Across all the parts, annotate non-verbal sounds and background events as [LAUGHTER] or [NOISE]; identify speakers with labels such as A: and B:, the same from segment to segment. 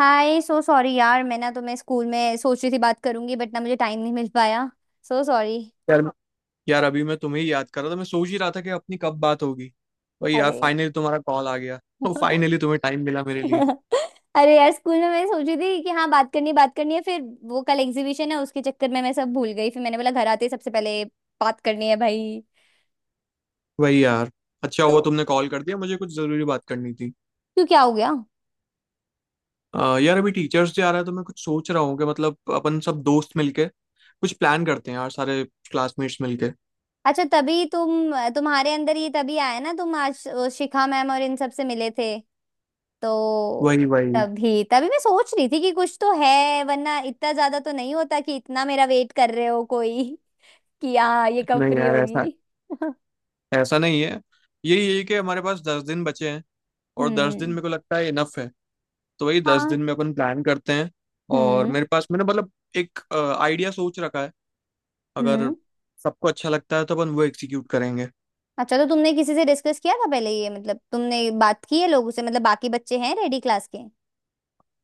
A: हाय so sorry यार मैं ना तुम्हें स्कूल में सोच रही थी बात करूंगी बट ना मुझे टाइम नहीं मिल पाया। सो सॉरी।
B: यार यार, अभी मैं तुम्हें ही याद कर रहा था। मैं सोच ही रहा था कि अपनी कब बात होगी। वही यार,
A: अरे
B: फाइनली तुम्हारा कॉल आ गया। तो फाइनली
A: [LAUGHS]
B: तुम्हें टाइम मिला मेरे लिए।
A: अरे यार स्कूल में मैं सोच रही थी कि हाँ बात करनी है। फिर वो कल एग्जीबिशन है उसके चक्कर में मैं सब भूल गई। फिर मैंने बोला घर आते ही सबसे पहले बात करनी है भाई।
B: वही यार, अच्छा
A: तो
B: हुआ तुमने कॉल कर दिया, मुझे कुछ जरूरी बात करनी थी।
A: क्यों क्या हो गया।
B: यार, अभी टीचर्स डे आ रहा है तो मैं कुछ सोच रहा हूँ कि मतलब अपन सब दोस्त मिलके कुछ प्लान करते हैं यार, सारे क्लासमेट्स मिलके।
A: अच्छा तभी तुम्हारे अंदर ये तभी आया ना तुम आज शिखा मैम और इन सब से मिले थे तो।
B: वही वही।
A: तभी तभी मैं सोच रही थी कि कुछ तो है वरना इतना ज्यादा तो नहीं होता कि इतना मेरा वेट कर रहे हो कोई [LAUGHS] कि हाँ ये कब
B: नहीं
A: फ्री
B: यार, ऐसा
A: होगी। [LAUGHS]
B: ऐसा नहीं है। यही यही कि हमारे पास 10 दिन बचे हैं, और 10 दिन
A: हम्म।
B: मेरे को लगता है इनफ है। तो वही दस
A: हाँ।
B: दिन में अपन प्लान करते हैं। और
A: हम्म।
B: मेरे पास मैंने मतलब एक आइडिया सोच रखा है, अगर
A: हम्म।
B: सबको अच्छा लगता है तो अपन वो एग्जीक्यूट करेंगे।
A: अच्छा तो तुमने किसी से डिस्कस किया था पहले ये मतलब तुमने बात की है लोगों से मतलब बाकी बच्चे हैं रेडी क्लास के।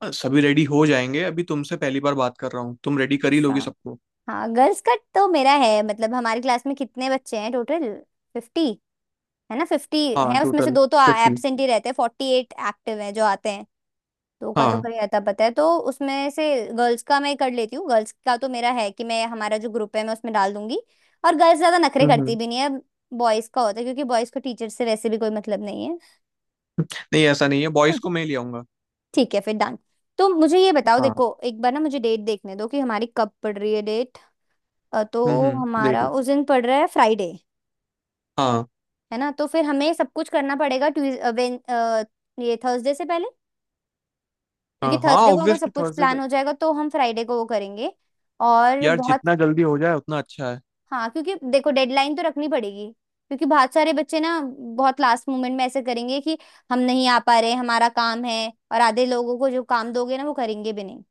B: सभी रेडी हो जाएंगे। अभी तुमसे पहली बार बात कर रहा हूँ, तुम रेडी कर ही
A: अच्छा।
B: लोगे सबको।
A: हाँ गर्ल्स का तो मेरा है मतलब हमारी क्लास में कितने बच्चे हैं टोटल। फिफ्टी। है ना फिफ्टी
B: हाँ
A: है उसमें से
B: टोटल
A: दो तो
B: 50।
A: एब्सेंट ही रहते हैं फोर्टी एट एक्टिव हैं जो आते हैं। दो का तो
B: हाँ।
A: कहीं आता पता है तो उसमें से गर्ल्स का मैं कर लेती हूँ। गर्ल्स का तो मेरा है कि मैं हमारा जो ग्रुप है मैं उसमें डाल दूंगी। और गर्ल्स ज्यादा नखरे करती
B: हम्म।
A: भी नहीं है। बॉयज का होता है क्योंकि बॉयज को टीचर से वैसे भी कोई मतलब नहीं है।
B: नहीं ऐसा नहीं है, बॉयज को
A: [LAUGHS]
B: मैं ले आऊंगा।
A: ठीक है फिर डन। तो मुझे ये बताओ
B: हाँ।
A: देखो एक बार ना मुझे डेट देखने दो कि हमारी कब पड़ रही है डेट। तो
B: हम्म,
A: हमारा
B: देखो।
A: उस दिन पड़ रहा है फ्राइडे।
B: हाँ।
A: है ना तो फिर हमें सब कुछ करना पड़ेगा ट्यूज अ, वेन अ, ये थर्सडे से पहले। क्योंकि
B: हाँ
A: थर्सडे को अगर
B: ऑब्वियसली
A: सब कुछ
B: थर्सडे।
A: प्लान हो जाएगा तो हम फ्राइडे को वो करेंगे। और
B: यार
A: बहुत।
B: जितना जल्दी हो जाए उतना अच्छा है।
A: हाँ क्योंकि देखो डेडलाइन तो रखनी पड़ेगी। क्योंकि बहुत सारे बच्चे ना बहुत लास्ट मोमेंट में ऐसे करेंगे कि हम नहीं आ पा रहे हमारा काम है और आधे लोगों को जो काम दोगे ना वो करेंगे भी नहीं।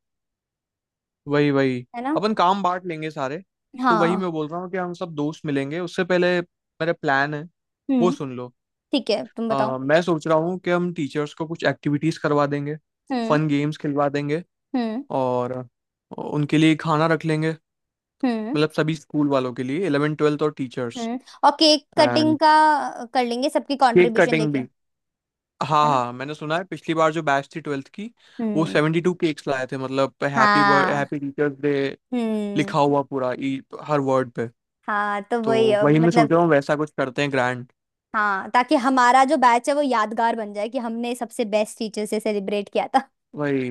B: वही वही।
A: है ना।
B: अपन काम बांट लेंगे सारे। तो वही
A: हाँ।
B: मैं बोल रहा हूँ कि हम सब दोस्त मिलेंगे, उससे पहले मेरा प्लान है, वो
A: हम्म।
B: सुन लो।
A: ठीक है तुम बताओ।
B: मैं सोच रहा हूँ कि हम टीचर्स को कुछ एक्टिविटीज करवा देंगे,
A: हम्म।
B: फन गेम्स खिलवा देंगे,
A: हम्म।
B: और उनके लिए खाना रख लेंगे,
A: हम्म।
B: मतलब सभी स्कूल वालों के लिए, इलेवन ट्वेल्थ और टीचर्स।
A: हम्म। और केक कटिंग
B: एंड
A: का। कर लेंगे सबकी
B: केक
A: कंट्रीब्यूशन
B: कटिंग
A: लेके
B: भी।
A: है
B: हाँ
A: ना।
B: हाँ, मैंने सुना है पिछली बार जो बैच थी 12वीं की, वो
A: हम्म।
B: 72 केक्स लाए थे, मतलब हैप्पी बर्थ
A: हाँ।
B: हैप्पी टीचर्स डे
A: हम्म।
B: लिखा हुआ पूरा, ई, हर वर्ड पे।
A: हाँ तो
B: तो
A: वही
B: वही मैं सोच
A: मतलब।
B: रहा हूँ वैसा कुछ करते हैं, ग्रैंड।
A: हाँ ताकि हमारा जो बैच है वो यादगार बन जाए कि हमने सबसे बेस्ट टीचर से सेलिब्रेट किया।
B: वही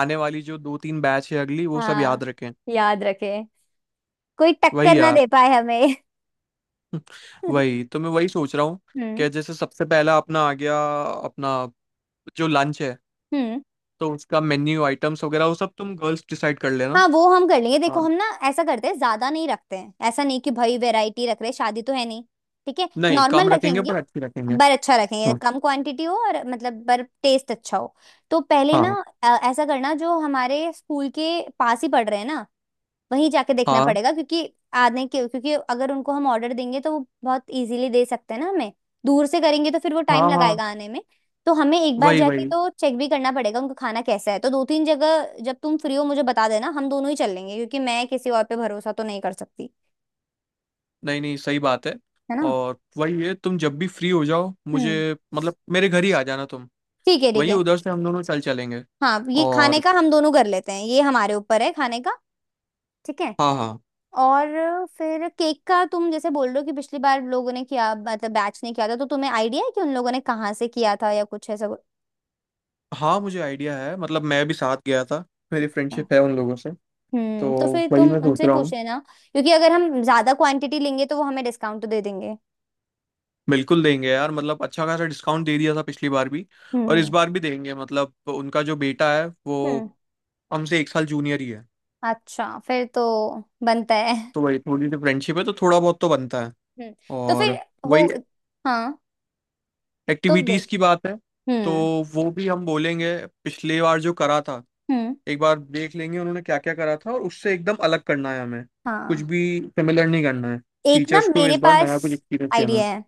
B: आने वाली जो दो तीन बैच है अगली, वो सब
A: हाँ।
B: याद रखें।
A: याद रखें। कोई टक्कर
B: वही
A: ना
B: यार।
A: दे पाए हमें।
B: [LAUGHS]
A: [LAUGHS]
B: वही, तो मैं वही सोच रहा हूँ
A: हम्म।
B: कि जैसे सबसे पहला अपना आ गया, अपना जो लंच है,
A: हम्म।
B: तो उसका मेन्यू आइटम्स वगैरह वो सब तुम गर्ल्स डिसाइड कर लेना।
A: हाँ वो हम कर लेंगे।
B: हाँ।
A: देखो हम ना ऐसा करते हैं, ज्यादा नहीं रखते हैं, ऐसा नहीं कि भाई वैरायटी रख रहे हैं, शादी तो है नहीं। ठीक है
B: नहीं कम
A: नॉर्मल
B: रखेंगे
A: रखेंगे।
B: पर अच्छी रखेंगे।
A: पर अच्छा रखेंगे,
B: हाँ
A: कम क्वांटिटी हो और मतलब पर टेस्ट अच्छा हो। तो पहले ना
B: हाँ।
A: ऐसा करना, जो हमारे स्कूल के पास ही पड़ रहे हैं ना वहीं जाके देखना
B: हाँ
A: पड़ेगा, क्योंकि आने के क्योंकि अगर उनको हम ऑर्डर देंगे तो वो बहुत इजीली दे सकते हैं ना हमें। दूर से करेंगे तो फिर वो टाइम
B: हाँ। हाँ।
A: लगाएगा आने में। तो हमें एक बार
B: वही
A: जाके
B: वही।
A: तो चेक भी करना पड़ेगा उनका खाना कैसा है, तो दो तीन जगह जब तुम फ्री हो मुझे बता देना, हम दोनों ही चल लेंगे क्योंकि मैं किसी और पे भरोसा तो नहीं कर सकती।
B: नहीं नहीं सही बात है।
A: है ना।
B: और वही है, तुम जब भी फ्री हो जाओ, मुझे
A: हम्म।
B: मतलब मेरे घर ही आ जाना तुम।
A: ठीक है। ठीक
B: वही
A: है।
B: उधर से हम दोनों चल चलेंगे।
A: हाँ ये खाने
B: और
A: का हम दोनों कर लेते हैं, ये हमारे ऊपर है, खाने का। ठीक है।
B: हाँ हाँ।
A: और फिर केक का तुम जैसे बोल रहे हो कि पिछली बार लोगों ने किया मतलब बैच ने किया था, तो तुम्हें आइडिया है कि उन लोगों ने कहाँ से किया था या कुछ ऐसा कुछ।
B: हाँ मुझे आइडिया है, मतलब मैं भी साथ गया था, मेरी फ्रेंडशिप
A: हाँ।
B: है उन लोगों से। तो
A: तो फिर
B: वही
A: तुम
B: मैं सोच
A: उनसे
B: रहा
A: पूछ
B: हूँ,
A: लेना, क्योंकि अगर हम ज्यादा क्वांटिटी लेंगे तो वो हमें डिस्काउंट तो दे देंगे।
B: बिल्कुल देंगे यार, मतलब अच्छा खासा डिस्काउंट दे दिया था पिछली बार भी, और इस
A: हम्म।
B: बार भी देंगे, मतलब उनका जो बेटा है वो
A: हम्म।
B: हमसे एक साल जूनियर ही है।
A: अच्छा फिर तो बनता है।
B: तो वही थोड़ी सी फ्रेंडशिप है तो थोड़ा बहुत तो बनता है।
A: हम्म। तो फिर
B: और
A: हो।
B: वही
A: हाँ। तो
B: एक्टिविटीज़
A: देख।
B: की बात है, तो
A: हम्म।
B: वो भी हम बोलेंगे, पिछली बार जो करा था
A: हम्म।
B: एक बार देख लेंगे उन्होंने क्या क्या करा था, और उससे एकदम अलग करना है हमें, कुछ
A: हाँ
B: भी सिमिलर नहीं करना है,
A: एक ना
B: टीचर्स को
A: मेरे
B: इस बार
A: पास
B: नया कुछ एक्सपीरियंस देना है।
A: आइडिया है।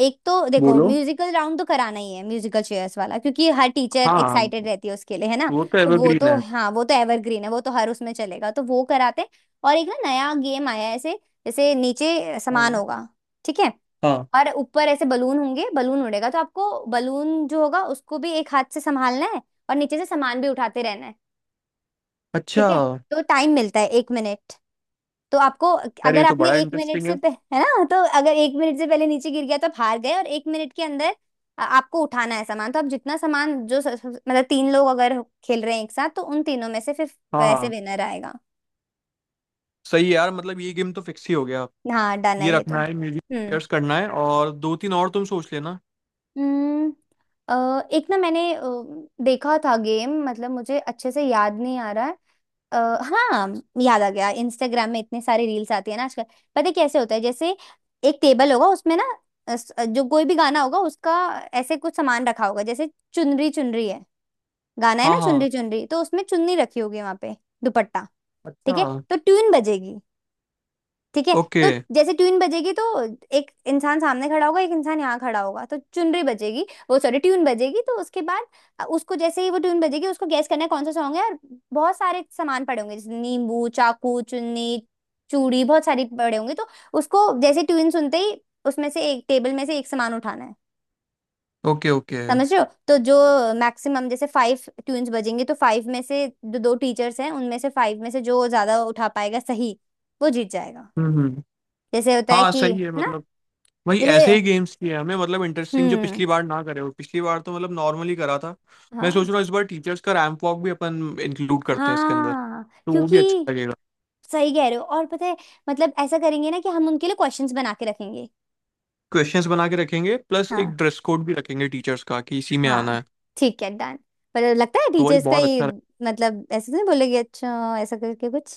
A: एक तो देखो
B: बोलो।
A: म्यूजिकल राउंड तो कराना ही है, म्यूजिकल चेयर्स वाला, क्योंकि हर टीचर
B: हाँ,
A: एक्साइटेड रहती है उसके लिए, है ना।
B: वो तो
A: तो वो
B: एवरग्रीन
A: तो
B: है।
A: हाँ वो तो एवरग्रीन है, वो तो हर उसमें चलेगा, तो वो कराते हैं। और एक ना नया गेम आया है ऐसे, जैसे नीचे सामान
B: हाँ
A: होगा। ठीक है।
B: हाँ
A: और ऊपर ऐसे बलून होंगे, बलून उड़ेगा, तो आपको बलून जो होगा उसको भी एक हाथ से संभालना है और नीचे से सामान भी उठाते रहना है।
B: अच्छा।
A: ठीक है। तो टाइम मिलता है एक मिनट। तो आपको
B: यार
A: अगर
B: ये तो
A: आपने
B: बड़ा
A: एक मिनट
B: इंटरेस्टिंग
A: से
B: है।
A: है ना, तो अगर एक मिनट से पहले नीचे गिर गया तो आप हार गए, और एक मिनट के अंदर आपको उठाना है सामान। तो आप जितना सामान जो मतलब तीन लोग अगर खेल रहे हैं एक साथ, तो उन तीनों में से फिर
B: हाँ
A: वैसे
B: हाँ
A: विनर आएगा।
B: सही है यार, मतलब ये गेम तो फिक्स ही हो गया।
A: हाँ डन
B: ये
A: है ये तो।
B: रखना है, म्यूजिक
A: हम्म।
B: चेयर्स करना है, और दो तीन और तुम सोच लेना।
A: हम्म, एक ना मैंने देखा था गेम, मतलब मुझे अच्छे से याद नहीं आ रहा है। अ, हाँ याद आ गया, इंस्टाग्राम में इतने सारे रील्स आती है ना आजकल। पता है कैसे होता है, जैसे एक टेबल होगा उसमें ना जो कोई भी गाना होगा उसका ऐसे कुछ सामान रखा होगा, जैसे चुनरी चुनरी है। गाना है
B: हाँ
A: ना चुनरी
B: हाँ
A: चुनरी, तो उसमें चुन्नी रखी होगी वहां पे। दुपट्टा।
B: अच्छा।
A: ठीक है। तो ट्यून बजेगी। ठीक है।
B: ओके
A: तो जैसे ट्यून बजेगी तो एक इंसान सामने खड़ा होगा, एक इंसान यहाँ खड़ा होगा, तो चुनरी बजेगी, वो सॉरी ट्यून बजेगी, तो उसके बाद उसको जैसे ही वो ट्यून बजेगी उसको गैस करना है कौन सा सॉन्ग है। और बहुत सारे सामान पड़े होंगे जैसे नींबू, चाकू, चुन्नी, चूड़ी, बहुत सारी पड़े होंगे, तो उसको जैसे ट्यून सुनते ही उसमें से एक टेबल में से एक सामान उठाना है।
B: Okay okay.
A: समझ रहे हो, तो जो मैक्सिमम जैसे फाइव ट्यून्स बजेंगे तो फाइव में से जो दो टीचर्स हैं उनमें से फाइव में से जो ज्यादा उठा पाएगा सही वो जीत जाएगा।
B: हम्म।
A: जैसे होता है
B: हाँ
A: कि,
B: सही है
A: है ना।
B: मतलब, भाई
A: रे।
B: ऐसे ही गेम्स किए हमने, मतलब इंटरेस्टिंग जो
A: हम्म।
B: पिछली बार ना करे हो, पिछली बार तो मतलब नॉर्मली करा था। मैं सोच
A: हाँ।
B: रहा हूँ इस बार टीचर्स का रैंप वॉक भी अपन इंक्लूड करते हैं इसके अंदर,
A: हाँ
B: तो वो भी
A: क्योंकि
B: अच्छा लगेगा।
A: सही कह रहे हो, और पता है मतलब ऐसा करेंगे ना कि हम उनके लिए क्वेश्चंस बना के रखेंगे।
B: क्वेश्चंस बना के रखेंगे, प्लस एक
A: हाँ।
B: ड्रेस कोड भी रखेंगे टीचर्स का कि इसी में आना
A: हाँ।
B: है।
A: ठीक है डन। पर लगता है
B: तो वही
A: टीचर्स का
B: बहुत
A: ही
B: अच्छा रहे।
A: मतलब ऐसे तो नहीं बोलेगी, अच्छा ऐसा करके कुछ।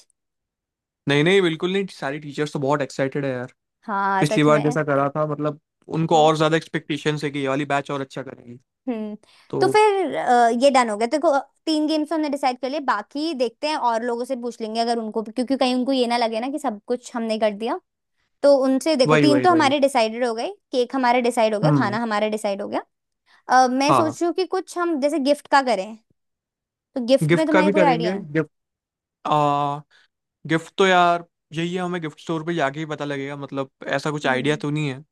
B: नहीं नहीं, बिल्कुल नहीं, सारी टीचर्स तो बहुत एक्साइटेड है यार,
A: हाँ
B: पिछली
A: सच
B: बार
A: में।
B: जैसा करा था मतलब, उनको
A: हाँ।
B: और ज्यादा एक्सपेक्टेशंस है कि ये वाली बैच और अच्छा करेगी।
A: हम्म।
B: तो
A: तो फिर ये डन हो गया, देखो तीन गेम्स हमने डिसाइड कर लिए, बाकी देखते हैं और लोगों से पूछ लेंगे, अगर उनको, क्योंकि कहीं उनको ये ना लगे ना कि सब कुछ हमने कर दिया। तो उनसे देखो
B: वही
A: तीन
B: वही
A: तो
B: वही।
A: हमारे डिसाइडेड हो गए, केक हमारा डिसाइड हो गया, खाना
B: हम्म।
A: हमारा डिसाइड हो गया। मैं
B: हाँ
A: सोच रही हूँ कि कुछ हम जैसे गिफ्ट का करें। तो गिफ्ट में
B: गिफ्ट का
A: तुम्हारे
B: भी
A: कोई आइडिया
B: करेंगे।
A: है।
B: गिफ्ट, गिफ्ट तो यार यही है, हमें गिफ्ट स्टोर पे जाके ही पता लगेगा, मतलब ऐसा कुछ आइडिया
A: हम्म।
B: तो नहीं है।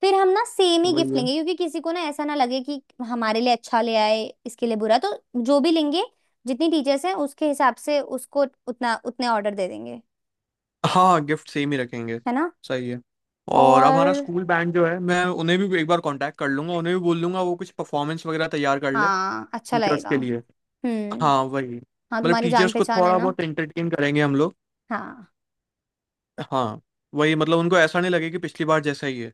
A: फिर हम ना सेम
B: तो
A: ही
B: वही
A: गिफ्ट
B: है।
A: लेंगे, क्योंकि किसी को ना ऐसा ना लगे कि हमारे लिए अच्छा ले आए, इसके लिए बुरा, तो जो भी लेंगे, जितनी टीचर्स हैं उसके हिसाब से उसको उतना उतने ऑर्डर दे देंगे।
B: हाँ गिफ्ट सेम ही रखेंगे।
A: है ना।
B: सही है। और हमारा
A: और।
B: स्कूल बैंड जो है, मैं उन्हें भी एक बार कांटेक्ट कर लूंगा, उन्हें भी बोल दूंगा वो कुछ परफॉर्मेंस वगैरह तैयार कर ले
A: हाँ अच्छा
B: टीचर्स
A: लगेगा।
B: के लिए।
A: हम्म।
B: हाँ वही,
A: हाँ
B: मतलब
A: तुम्हारी जान
B: टीचर्स को
A: पहचान है
B: थोड़ा
A: ना।
B: बहुत एंटरटेन करेंगे हम लोग।
A: हाँ।
B: हाँ वही, मतलब उनको ऐसा नहीं लगे कि पिछली बार जैसा ही है।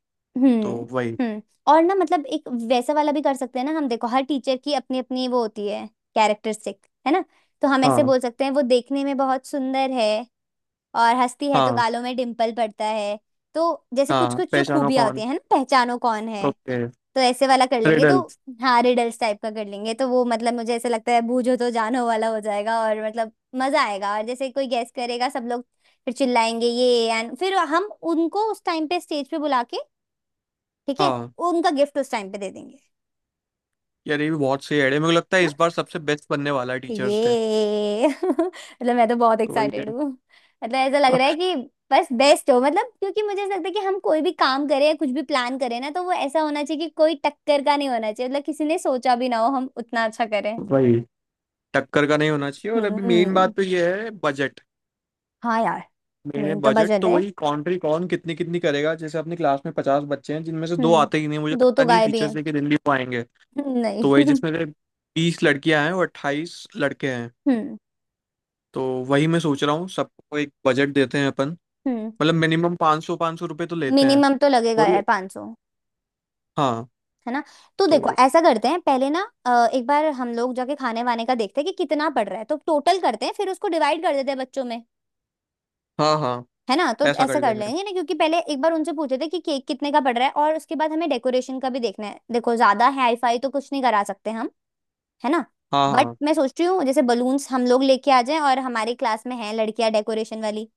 B: तो
A: हम्म।
B: वही।
A: हम्म। और ना मतलब एक वैसा वाला भी कर सकते हैं ना हम, देखो हर टीचर की अपनी अपनी वो होती है, कैरेक्टरिस्टिक है ना। तो हम ऐसे
B: हाँ।
A: बोल सकते हैं वो देखने में बहुत सुंदर है और हंसती है तो
B: हाँ।
A: गालों में डिम्पल पड़ता है। तो जैसे कुछ
B: हाँ
A: कुछ जो
B: पहचानो
A: खूबियां होती
B: कौन।
A: हैं है ना, पहचानो कौन है।
B: ओके।
A: तो ऐसे वाला कर लेंगे। तो
B: रिडल्स।
A: हाँ रिडल्स टाइप का कर लेंगे, तो वो मतलब मुझे ऐसे लगता है, बूझो तो जानो वाला हो जाएगा और मतलब मजा आएगा, और जैसे कोई गेस करेगा सब लोग फिर चिल्लाएंगे ये, एंड फिर हम उनको उस टाइम पे स्टेज पे बुला के। ठीक है।
B: हाँ
A: उनका गिफ्ट उस टाइम पे दे देंगे।
B: यार, ये भी बहुत सही आइडिया, मेरे को लगता है इस
A: हाँ
B: बार सबसे बेस्ट बनने वाला है टीचर्स डे।
A: ये [LAUGHS] मतलब मैं तो बहुत
B: वही है।
A: एक्साइटेड हूँ। मतलब ऐसा लग
B: हाँ,
A: रहा है कि बस बेस्ट हो, मतलब क्योंकि मुझे ऐसा लगता है कि हम कोई भी काम करें या कुछ भी प्लान करें ना, तो वो ऐसा होना चाहिए कि कोई टक्कर का नहीं होना चाहिए, मतलब किसी ने सोचा भी ना हो, हम उतना अच्छा करें।
B: वही, टक्कर का नहीं होना चाहिए, और अभी मेन
A: हम्म।
B: बात तो ये है बजट।
A: हाँ यार।
B: मेन है
A: मेन तो
B: बजट,
A: बजट
B: तो
A: है।
B: वही कॉन्ट्री कौन कितनी कितनी करेगा, जैसे अपनी क्लास में 50 बच्चे हैं जिनमें से दो आते ही नहीं, मुझे
A: दो
B: लगता
A: तो
B: नहीं
A: गाय भी
B: टीचर्स
A: हैं।
B: डे के दिन भी वो आएंगे।
A: [LAUGHS]
B: तो
A: नहीं
B: वही जिसमें
A: [LAUGHS]
B: से 20 लड़कियां हैं और 28 लड़के हैं।
A: हम्म।
B: तो वही मैं सोच रहा हूँ सबको एक बजट देते हैं अपन,
A: हम्म।
B: मतलब मिनिमम 500 500 रुपये तो लेते हैं।
A: मिनिमम तो लगेगा
B: वही।
A: यार 500।
B: हाँ।
A: है ना। तो देखो
B: तो
A: ऐसा करते हैं पहले ना एक बार हम लोग जाके खाने वाने का देखते हैं कि कितना पड़ रहा है, तो टोटल करते हैं, फिर उसको डिवाइड कर देते हैं बच्चों में।
B: हाँ हाँ
A: है ना। तो
B: ऐसा कर
A: ऐसा कर
B: लेंगे।
A: लेंगे ना, क्योंकि पहले एक बार उनसे पूछे थे कि केक कितने का पड़ रहा है, और उसके बाद हमें डेकोरेशन का भी देखना है, देखो ज्यादा हाई फाई तो कुछ नहीं करा सकते हम। है ना।
B: हाँ
A: बट
B: हाँ।
A: मैं सोच रही हूँ जैसे बलून्स हम लोग लेके आ जाएं और हमारी क्लास में हैं लड़कियां डेकोरेशन वाली।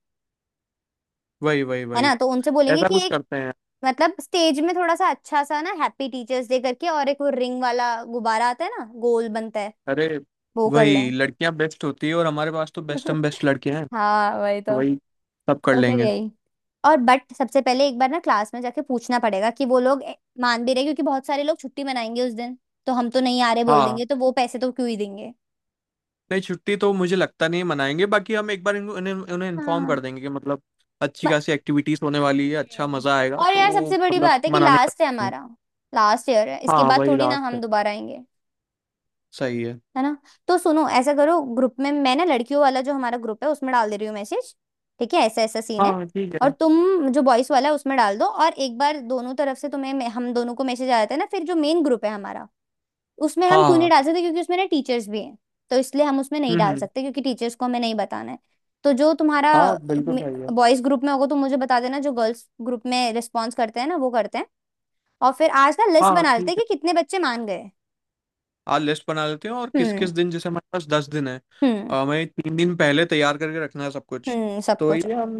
B: वही वही
A: है
B: वही,
A: ना। तो उनसे बोलेंगे
B: ऐसा
A: कि
B: कुछ
A: एक
B: करते हैं।
A: मतलब स्टेज में थोड़ा सा अच्छा सा ना हैप्पी टीचर्स डे करके, और एक वो रिंग वाला गुब्बारा आता है ना गोल बनता है,
B: अरे,
A: वो कर लें।
B: वही लड़कियां बेस्ट होती है और हमारे पास तो बेस्ट, हम बेस्ट
A: [LAUGHS]
B: लड़के हैं।
A: हाँ वही
B: तो
A: तो।
B: वही सब कर
A: तो फिर
B: लेंगे।
A: यही। और बट सबसे पहले एक बार ना क्लास में जाके पूछना पड़ेगा कि वो लोग मान भी रहे, क्योंकि बहुत सारे लोग छुट्टी मनाएंगे उस दिन। तो हम तो नहीं आ रहे बोल
B: हाँ।
A: देंगे तो वो पैसे तो क्यों ही देंगे।
B: नहीं छुट्टी तो मुझे लगता नहीं मनाएंगे, बाकी हम एक बार इन्हें उन्हें इन्फॉर्म
A: हाँ।
B: कर देंगे कि मतलब अच्छी
A: म-
B: खासी एक्टिविटीज होने वाली है, अच्छा
A: हम्म।
B: मजा आएगा,
A: और
B: तो
A: यार
B: वो
A: सबसे बड़ी
B: मतलब
A: बात है कि
B: मनाने का
A: लास्ट है
B: time है।
A: हमारा। लास्ट ईयर है, इसके
B: हाँ
A: बाद
B: वही
A: थोड़ी ना
B: लास्ट है।
A: हम दोबारा आएंगे।
B: सही है।
A: है ना? तो सुनो ऐसा करो, ग्रुप में मैं ना लड़कियों वाला जो हमारा ग्रुप है उसमें डाल दे रही हूँ मैसेज। ठीक है, ऐसा ऐसा सीन है।
B: हाँ ठीक है।
A: और तुम जो बॉयस वाला है उसमें डाल दो, और एक बार दोनों तरफ से तुम्हें हम दोनों को मैसेज आ जाता है ना, फिर जो मेन ग्रुप है हमारा, उसमें हम
B: हाँ
A: क्यों नहीं
B: हाँ।
A: डाल सकते क्योंकि उसमें ना टीचर्स भी हैं। तो इसलिए हम उसमें नहीं
B: हम्म
A: डाल
B: हम्म,
A: सकते क्योंकि टीचर्स को हमें नहीं बताना है। तो जो तुम्हारा
B: हाँ बिल्कुल सही है।
A: बॉयज ग्रुप में होगा तो मुझे बता देना, जो गर्ल्स ग्रुप में रिस्पॉन्स करते हैं ना वो करते हैं। और फिर आज ना लिस्ट
B: हाँ
A: बना लेते हैं
B: ठीक है,
A: कि कितने बच्चे मान गए।
B: आज लिस्ट बना लेते हैं, और किस किस
A: हम्म
B: दिन जैसे हमारे पास 10 दिन है।
A: हम्म।
B: हमें 3 दिन पहले तैयार करके रखना है सब कुछ।
A: हम्म, सब
B: तो
A: कुछ।
B: ये हम,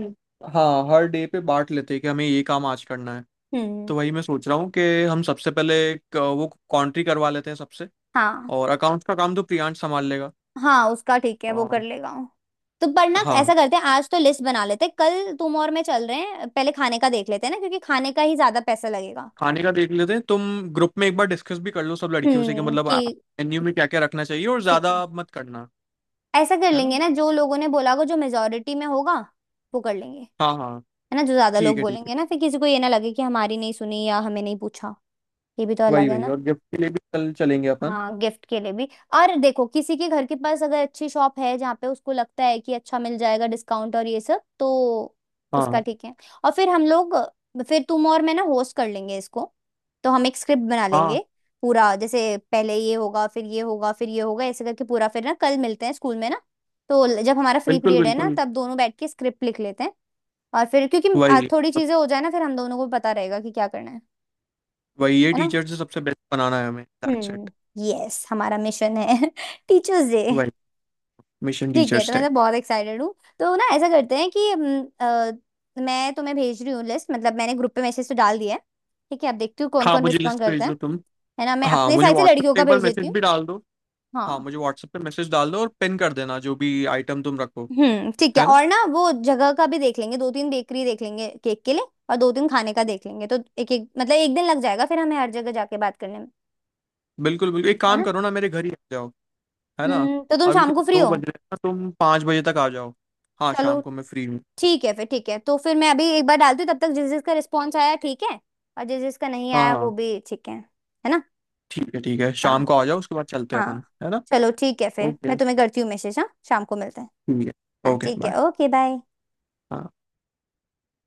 B: हाँ हर डे पे बांट लेते हैं कि हमें ये काम आज करना है।
A: हम्म।
B: तो वही मैं सोच रहा हूँ कि हम सबसे पहले एक, वो कॉन्ट्री करवा लेते हैं सबसे,
A: हाँ
B: और अकाउंट्स का काम तो प्रियांश संभाल लेगा।
A: हाँ, उसका ठीक है, वो कर
B: और
A: लेगा। तो पर ना
B: हाँ,
A: ऐसा करते हैं, आज तो लिस्ट बना लेते हैं, कल तुम और मैं चल रहे हैं, पहले खाने का देख लेते हैं ना, क्योंकि खाने का ही ज्यादा पैसा लगेगा।
B: खाने का देख लेते हैं। तुम ग्रुप में एक बार डिस्कस भी कर लो सब लड़कियों से कि मतलब
A: कि
B: मेन्यू में क्या क्या रखना चाहिए, और
A: ठीक
B: ज़्यादा
A: है,
B: मत करना,
A: ऐसा कर
B: है ना?
A: लेंगे ना, जो लोगों ने बोला होगा, जो मेजोरिटी में होगा वो कर लेंगे। है
B: हाँ हाँ,
A: ना, जो ज्यादा लोग
B: ठीक है ठीक है।
A: बोलेंगे ना, फिर किसी को ये ना लगे कि हमारी नहीं सुनी या हमें नहीं पूछा। ये भी तो
B: वही
A: अलग है
B: वही,
A: ना।
B: और गिफ्ट के लिए भी कल चलेंगे अपन।
A: हाँ, गिफ्ट के लिए भी। और देखो, किसी के घर के पास अगर अच्छी शॉप है जहाँ पे उसको लगता है कि अच्छा मिल जाएगा डिस्काउंट और ये सब, तो उसका
B: हाँ
A: ठीक है। और फिर हम लोग, फिर तुम और मैं ना होस्ट कर लेंगे इसको, तो हम एक स्क्रिप्ट बना
B: हाँ,
A: लेंगे पूरा, जैसे पहले ये होगा फिर ये होगा फिर ये होगा ऐसे करके पूरा। फिर ना कल मिलते हैं स्कूल में ना, तो जब हमारा फ्री
B: बिल्कुल,
A: पीरियड है ना,
B: बिल्कुल,
A: तब दोनों बैठ के स्क्रिप्ट लिख लेते हैं। और फिर क्योंकि
B: वही
A: थोड़ी चीजें हो जाए ना, फिर हम दोनों को पता रहेगा कि क्या करना है।
B: वही, ये
A: है ना।
B: टीचर से सबसे बेस्ट बनाना है हमें, दैट्स इट,
A: हम्म। यस, हमारा मिशन है [LAUGHS] टीचर्स डे।
B: वही मिशन
A: ठीक है, तो
B: टीचर्स
A: मैं
B: डे।
A: तो बहुत एक्साइटेड हूँ। तो ना ऐसा करते हैं कि मैं तुम्हें भेज रही हूँ लिस्ट, मतलब मैंने ग्रुप पे मैसेज तो डाल दिया है। ठीक है, अब देखती हूँ कौन
B: हाँ,
A: कौन
B: मुझे
A: रिस्पॉन्ड
B: लिस्ट
A: करता
B: भेज दो
A: है।
B: तुम।
A: है ना, मैं
B: हाँ,
A: अपने
B: मुझे
A: साइड से
B: व्हाट्सएप
A: लड़कियों
B: पे
A: का
B: एक बार
A: भेज देती
B: मैसेज
A: हूँ।
B: भी डाल दो। हाँ,
A: हाँ।
B: मुझे व्हाट्सएप पे मैसेज डाल दो और पिन कर देना जो भी आइटम तुम रखो,
A: ठीक है,
B: है ना?
A: और ना वो जगह का भी देख लेंगे, दो तीन बेकरी देख लेंगे केक के लिए और दो तीन खाने का देख लेंगे, तो एक एक मतलब एक दिन लग जाएगा फिर हमें हर जगह जाके बात करने में।
B: बिल्कुल, बिल्कुल, एक
A: है
B: काम
A: ना।
B: करो ना मेरे घर ही आ जाओ, है ना?
A: हम्म, तो तुम
B: अभी के
A: शाम को फ्री
B: 2
A: हो?
B: बज रहे हैं ना, तुम 5 बजे तक आ जाओ। हाँ,
A: चलो
B: शाम को मैं फ्री हूँ।
A: ठीक है फिर, ठीक है, तो फिर मैं अभी एक बार डालती हूँ, तब तक जिस जिसका रिस्पॉन्स आया ठीक है, और जिस जिसका नहीं
B: हाँ,
A: आया वो
B: हाँ,
A: भी ठीक है। है ना।
B: ठीक है, शाम
A: हाँ
B: को आ
A: च-
B: जाओ उसके बाद चलते हैं अपन,
A: हाँ
B: है ना?
A: चलो ठीक है फिर,
B: ओके,
A: मैं तुम्हें करती हूँ मैसेज। हाँ, शाम को मिलते हैं।
B: ठीक है,
A: हाँ
B: ओके,
A: ठीक है,
B: बाय।
A: Okay bye.
B: हाँ।